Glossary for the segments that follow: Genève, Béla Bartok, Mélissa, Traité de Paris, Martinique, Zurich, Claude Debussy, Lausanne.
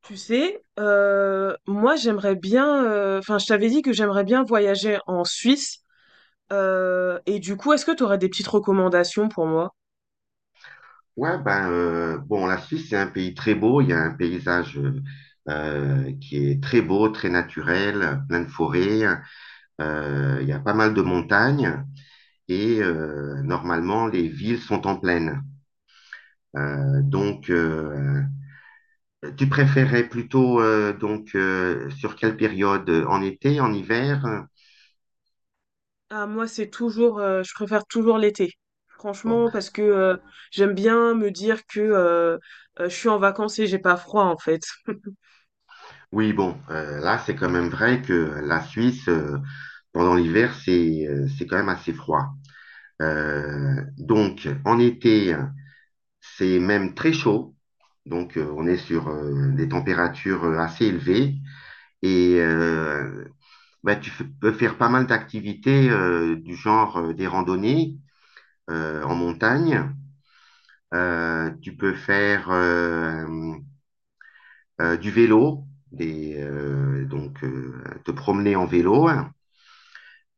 Tu sais, moi j'aimerais bien, enfin je t'avais dit que j'aimerais bien voyager en Suisse, et du coup est-ce que tu aurais des petites recommandations pour moi? Ouais, ben, bon, la Suisse, c'est un pays très beau. Il y a un paysage qui est très beau, très naturel, plein de forêts. Il y a pas mal de montagnes et normalement, les villes sont en plaine. Euh, donc, euh, tu préférais plutôt sur quelle période? En été, en hiver? Ah moi c'est toujours, je préfère toujours l'été, Bon, franchement parce que j'aime bien me dire que je suis en vacances et j'ai pas froid en fait. oui, bon, là, c'est quand même vrai que la Suisse, pendant l'hiver, c'est quand même assez froid. Donc, en été, c'est même très chaud. Donc, on est sur des températures assez élevées et bah, peux faire pas mal d'activités du genre des randonnées en montagne. Tu peux faire du vélo, des, donc te promener en vélo.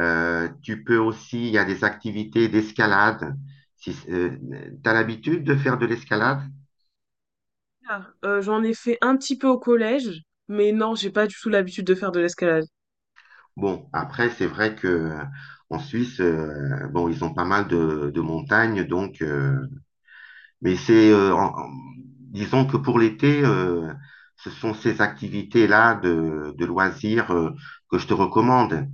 Tu peux aussi, il y a des activités d'escalade. Si, tu as l'habitude de faire de l'escalade? Ah, j'en ai fait un petit peu au collège, mais non j'ai pas du tout l'habitude de faire de l'escalade. Bon, après, c'est vrai que en Suisse, bon, ils ont pas mal de montagnes, donc, mais c'est, disons que pour l'été, ce sont ces activités-là de loisirs que je te recommande.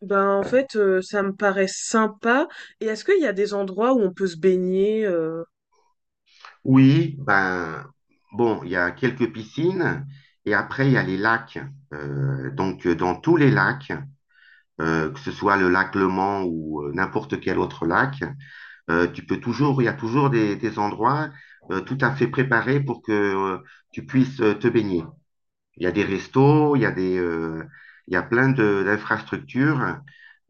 Ben en fait, ça me paraît sympa, et est-ce qu'il y a des endroits où on peut se baigner? Oui, ben, bon, il y a quelques piscines et après, il y a les lacs. Dans tous les lacs, que ce soit le lac Le Mans ou n'importe quel autre lac, tu peux toujours, il y a toujours des endroits tout à fait préparés pour que tu puisses te baigner. Il y a des restos, il y a il y a d'infrastructures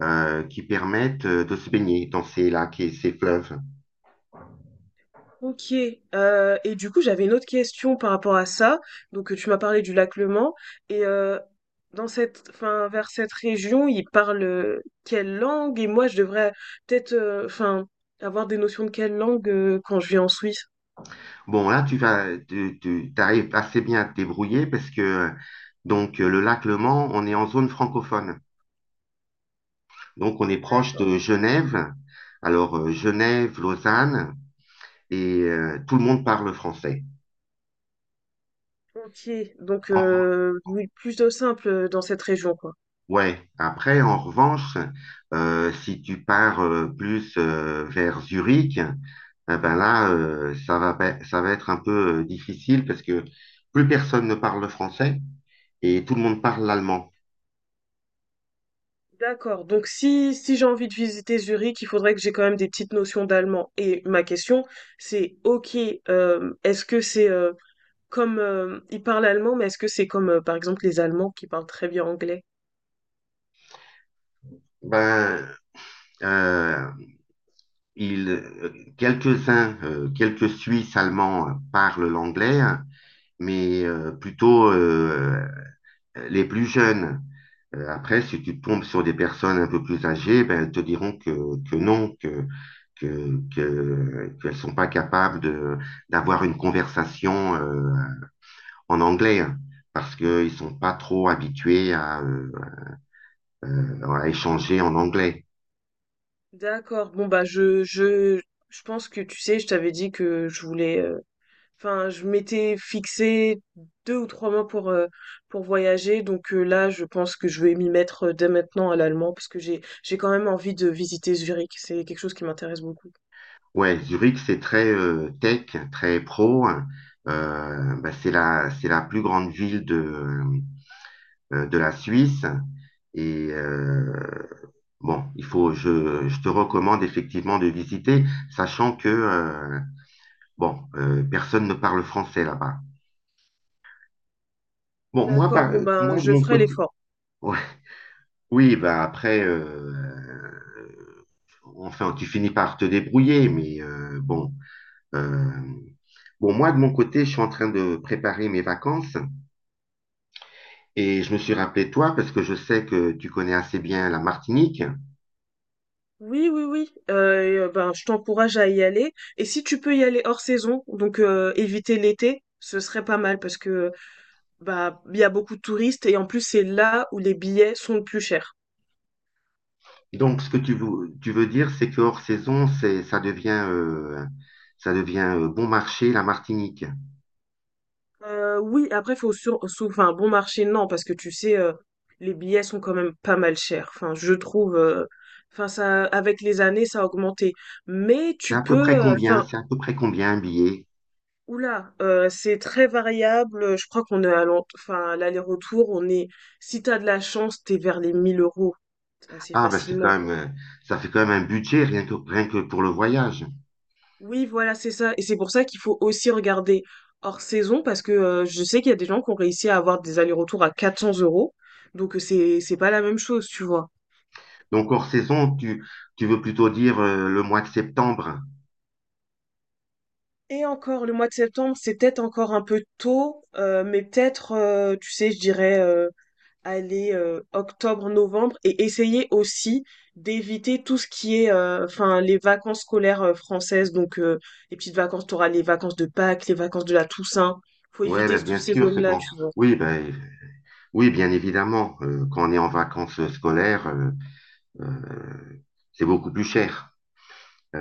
qui permettent de se baigner dans ces lacs et ces fleuves. Ok, et du coup j'avais une autre question par rapport à ça. Donc tu m'as parlé du lac Le Mans et dans cette, enfin vers cette région ils parlent quelle langue et moi je devrais peut-être, enfin avoir des notions de quelle langue quand je vais en Suisse. Bon, là, tu vas, tu arrives assez bien à te débrouiller parce que le lac Le Mans, on est en zone francophone. Donc on est proche D'accord. de Genève. Alors Genève, Lausanne, et tout le monde parle français. Ok, donc En oui, plutôt simple dans cette région quoi. Ouais, après, en revanche, si tu pars plus vers Zurich, eh ben là, ça va, ça va être un peu difficile parce que plus personne ne parle le français et tout le monde parle l'allemand. D'accord. Donc si j'ai envie de visiter Zurich, il faudrait que j'ai quand même des petites notions d'allemand. Et ma question, c'est ok, est-ce que c'est comme ils parlent allemand, mais est-ce que c'est comme par exemple les Allemands qui parlent très bien anglais? Ben, euh, quelques-uns, quelques Suisses allemands parlent l'anglais, hein, mais plutôt les plus jeunes. Après, si tu tombes sur des personnes un peu plus âgées, ben, elles te diront que non, qu'elles sont pas capables d'avoir une conversation en anglais hein, parce qu'ils sont pas trop habitués à échanger en anglais. D'accord. Bon bah je je pense que tu sais, je t'avais dit que je voulais. Enfin, je m'étais fixé deux ou trois mois pour voyager. Donc là, je pense que je vais m'y mettre dès maintenant à l'allemand parce que j'ai quand même envie de visiter Zurich. C'est quelque chose qui m'intéresse beaucoup. Ouais, Zurich, c'est très tech, très pro, hein. Bah, c'est la plus grande ville de la Suisse. Et bon, il faut, je te recommande effectivement de visiter, sachant que, bon, personne ne parle français là-bas. Bon, D'accord, bon ben moi, de je mon ferai côté, l'effort. ouais. Oui, bah après, enfin, tu finis par te débrouiller, mais bon, euh, bon, moi, de mon côté, je suis en train de préparer mes vacances et je me suis rappelé de toi parce que je sais que tu connais assez bien la Martinique. Oui, oui, oui. Et, ben je t'encourage à y aller. Et si tu peux y aller hors saison, donc éviter l'été, ce serait pas mal parce que bah il y a beaucoup de touristes et en plus c'est là où les billets sont le plus chers. Donc, ce que tu veux dire, c'est que hors saison, c'est, ça devient bon marché, la Martinique. Oui, après faut enfin bon marché non parce que tu sais les billets sont quand même pas mal chers. Enfin je trouve, enfin ça avec les années ça a augmenté. Mais C'est à tu peu près peux, combien? enfin C'est à peu près combien un billet? Oula, c'est très variable. Je crois qu'on est à enfin, à l'aller-retour, on est, si t'as de la chance, t'es vers les 1 000 € assez Ah, ben c'est quand facilement. même, ça fait quand même un budget rien que, rien que pour le voyage. Oui, voilà, c'est ça. Et c'est pour ça qu'il faut aussi regarder hors saison parce que je sais qu'il y a des gens qui ont réussi à avoir des allers-retours à 400 euros. Donc c'est pas la même chose, tu vois. Donc hors saison, tu veux plutôt dire le mois de septembre. Et encore, le mois de septembre, c'est peut-être encore un peu tôt, mais peut-être, tu sais, je dirais aller octobre-novembre et essayer aussi d'éviter tout ce qui est enfin les vacances scolaires françaises donc les petites vacances tu auras les vacances de Pâques les vacances de la Toussaint faut Ouais, ben éviter toutes bien ces sûr, c'est zones-là quand. tu vois Oui, ben oui, bien évidemment. Euh, quand on est en vacances scolaires, euh, c'est beaucoup plus cher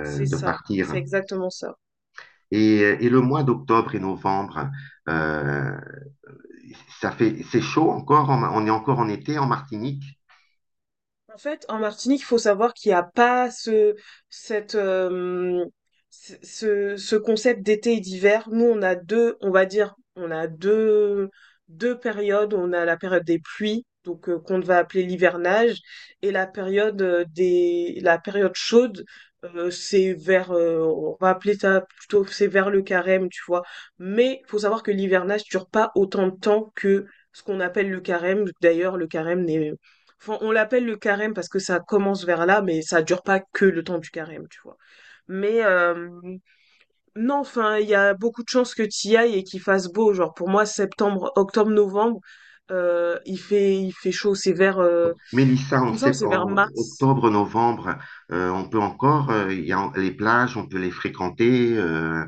c'est de ça c'est partir. exactement ça. Et le mois d'octobre et novembre, euh, ça fait, c'est chaud encore, on est encore en été en Martinique. En fait, en Martinique, il faut savoir qu'il n'y a pas ce, cette, ce, ce- ce concept d'été et d'hiver. Nous, on a deux, deux périodes. On a la période des pluies, donc qu'on va appeler l'hivernage, et la la période chaude. C'est vers, on va appeler ça plutôt, c'est vers le carême, tu vois. Mais il faut savoir que l'hivernage dure pas autant de temps que ce qu'on appelle le carême. D'ailleurs, le carême n'est enfin, on l'appelle le carême parce que ça commence vers là, mais ça dure pas que le temps du carême, tu vois. Mais non, enfin, il y a beaucoup de chances que tu y ailles et qu'il fasse beau. Genre pour moi, septembre, octobre, novembre, il fait chaud. C'est vers, Mélissa, il me semble, que c'est vers en mars. octobre, novembre, on peut encore, il y a les plages, on peut les fréquenter, euh.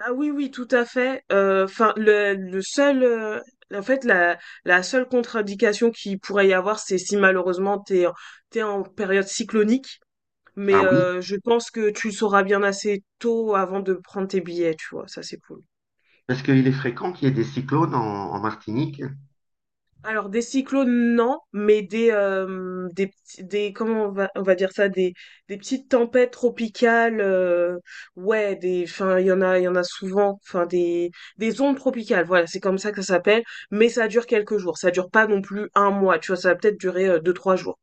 Ah oui, oui, tout à fait. Enfin, le seul, en fait, la, la seule contre-indication qu'il pourrait y avoir, c'est si malheureusement t'es en période cyclonique. Ah Mais oui, je pense que tu le sauras bien assez tôt avant de prendre tes billets, tu vois, ça c'est cool. parce qu'il est fréquent qu'il y ait des cyclones en, en Martinique. Alors des cyclones, non, mais des, comment on va, on va dire ça, des petites tempêtes tropicales ouais des enfin il y en a souvent enfin des ondes tropicales, voilà c'est comme ça que ça s'appelle, mais ça dure quelques jours, ça dure pas non plus un mois, tu vois, ça va peut-être durer deux trois jours.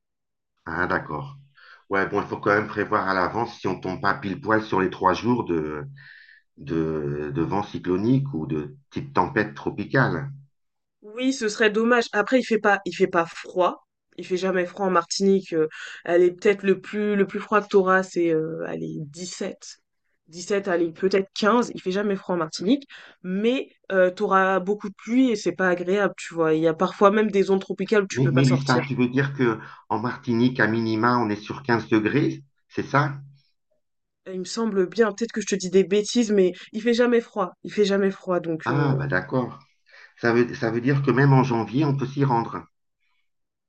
Ah d'accord. Ouais, bon, il faut quand même prévoir à l'avance si on tombe pas pile poil sur les 3 jours de vent cyclonique ou de type tempête tropicale. Oui, ce serait dommage. Après, il fait pas froid. Il fait jamais froid en Martinique. Elle est peut-être le plus froid que t'auras, c'est, allez, 17, allez, peut-être 15. Il fait jamais froid en Martinique. Mais, t'auras beaucoup de pluie et c'est pas agréable, tu vois. Il y a parfois même des zones tropicales où tu Mais peux pas Mélissa, sortir. tu veux dire que en Martinique, à minima, on est sur 15 degrés, c'est ça? Et il me semble bien, peut-être que je te dis des bêtises, mais il fait jamais froid. Il fait jamais froid, donc, Ah bah d'accord. Ça veut dire que même en janvier, on peut s'y rendre.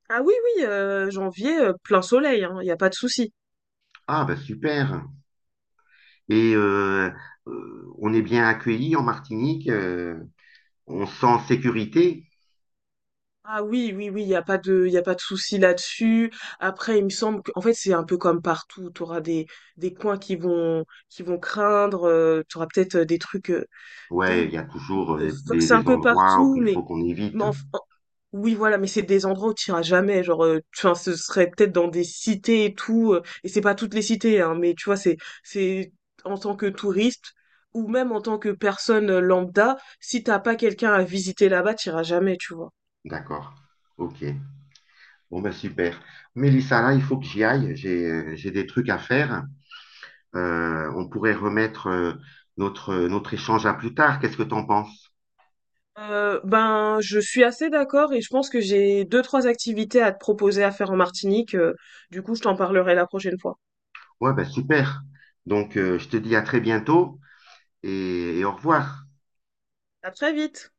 ah oui, oui, janvier, plein soleil, hein. Il y a pas de souci. Ah, bah super. Et on est bien accueilli en Martinique, on se sent en sécurité. Ah oui, oui, oui, il n'y a pas de, il a pas de souci là-dessus. Après, il me semble qu'en fait, c'est un peu comme partout. Tu auras des coins qui vont craindre. Tu auras peut-être des trucs de, Ouais, de- il y a toujours enfin, c'est un des peu endroits où partout, il mais, faut qu'on mais évite. enf- en- oui, voilà, mais c'est des endroits où tu iras jamais. Genre, tu vois, ce serait peut-être dans des cités et tout. Euh, et c'est pas toutes les cités, hein, mais tu vois, c'est en tant que touriste ou même en tant que personne lambda, si t'as pas quelqu'un à visiter là-bas, tu iras jamais, tu vois. D'accord. Ok. Bon, bah super. Mélissa, là, il faut que j'y aille. J'ai des trucs à faire. On pourrait remettre notre échange à plus tard. Qu'est-ce que t'en penses? Ben, je suis assez d'accord et je pense que j'ai deux, trois activités à te proposer à faire en Martinique. Euh, du coup, je t'en parlerai la prochaine fois. Ouais, bah super. Donc, je te dis à très bientôt et au revoir. À très vite!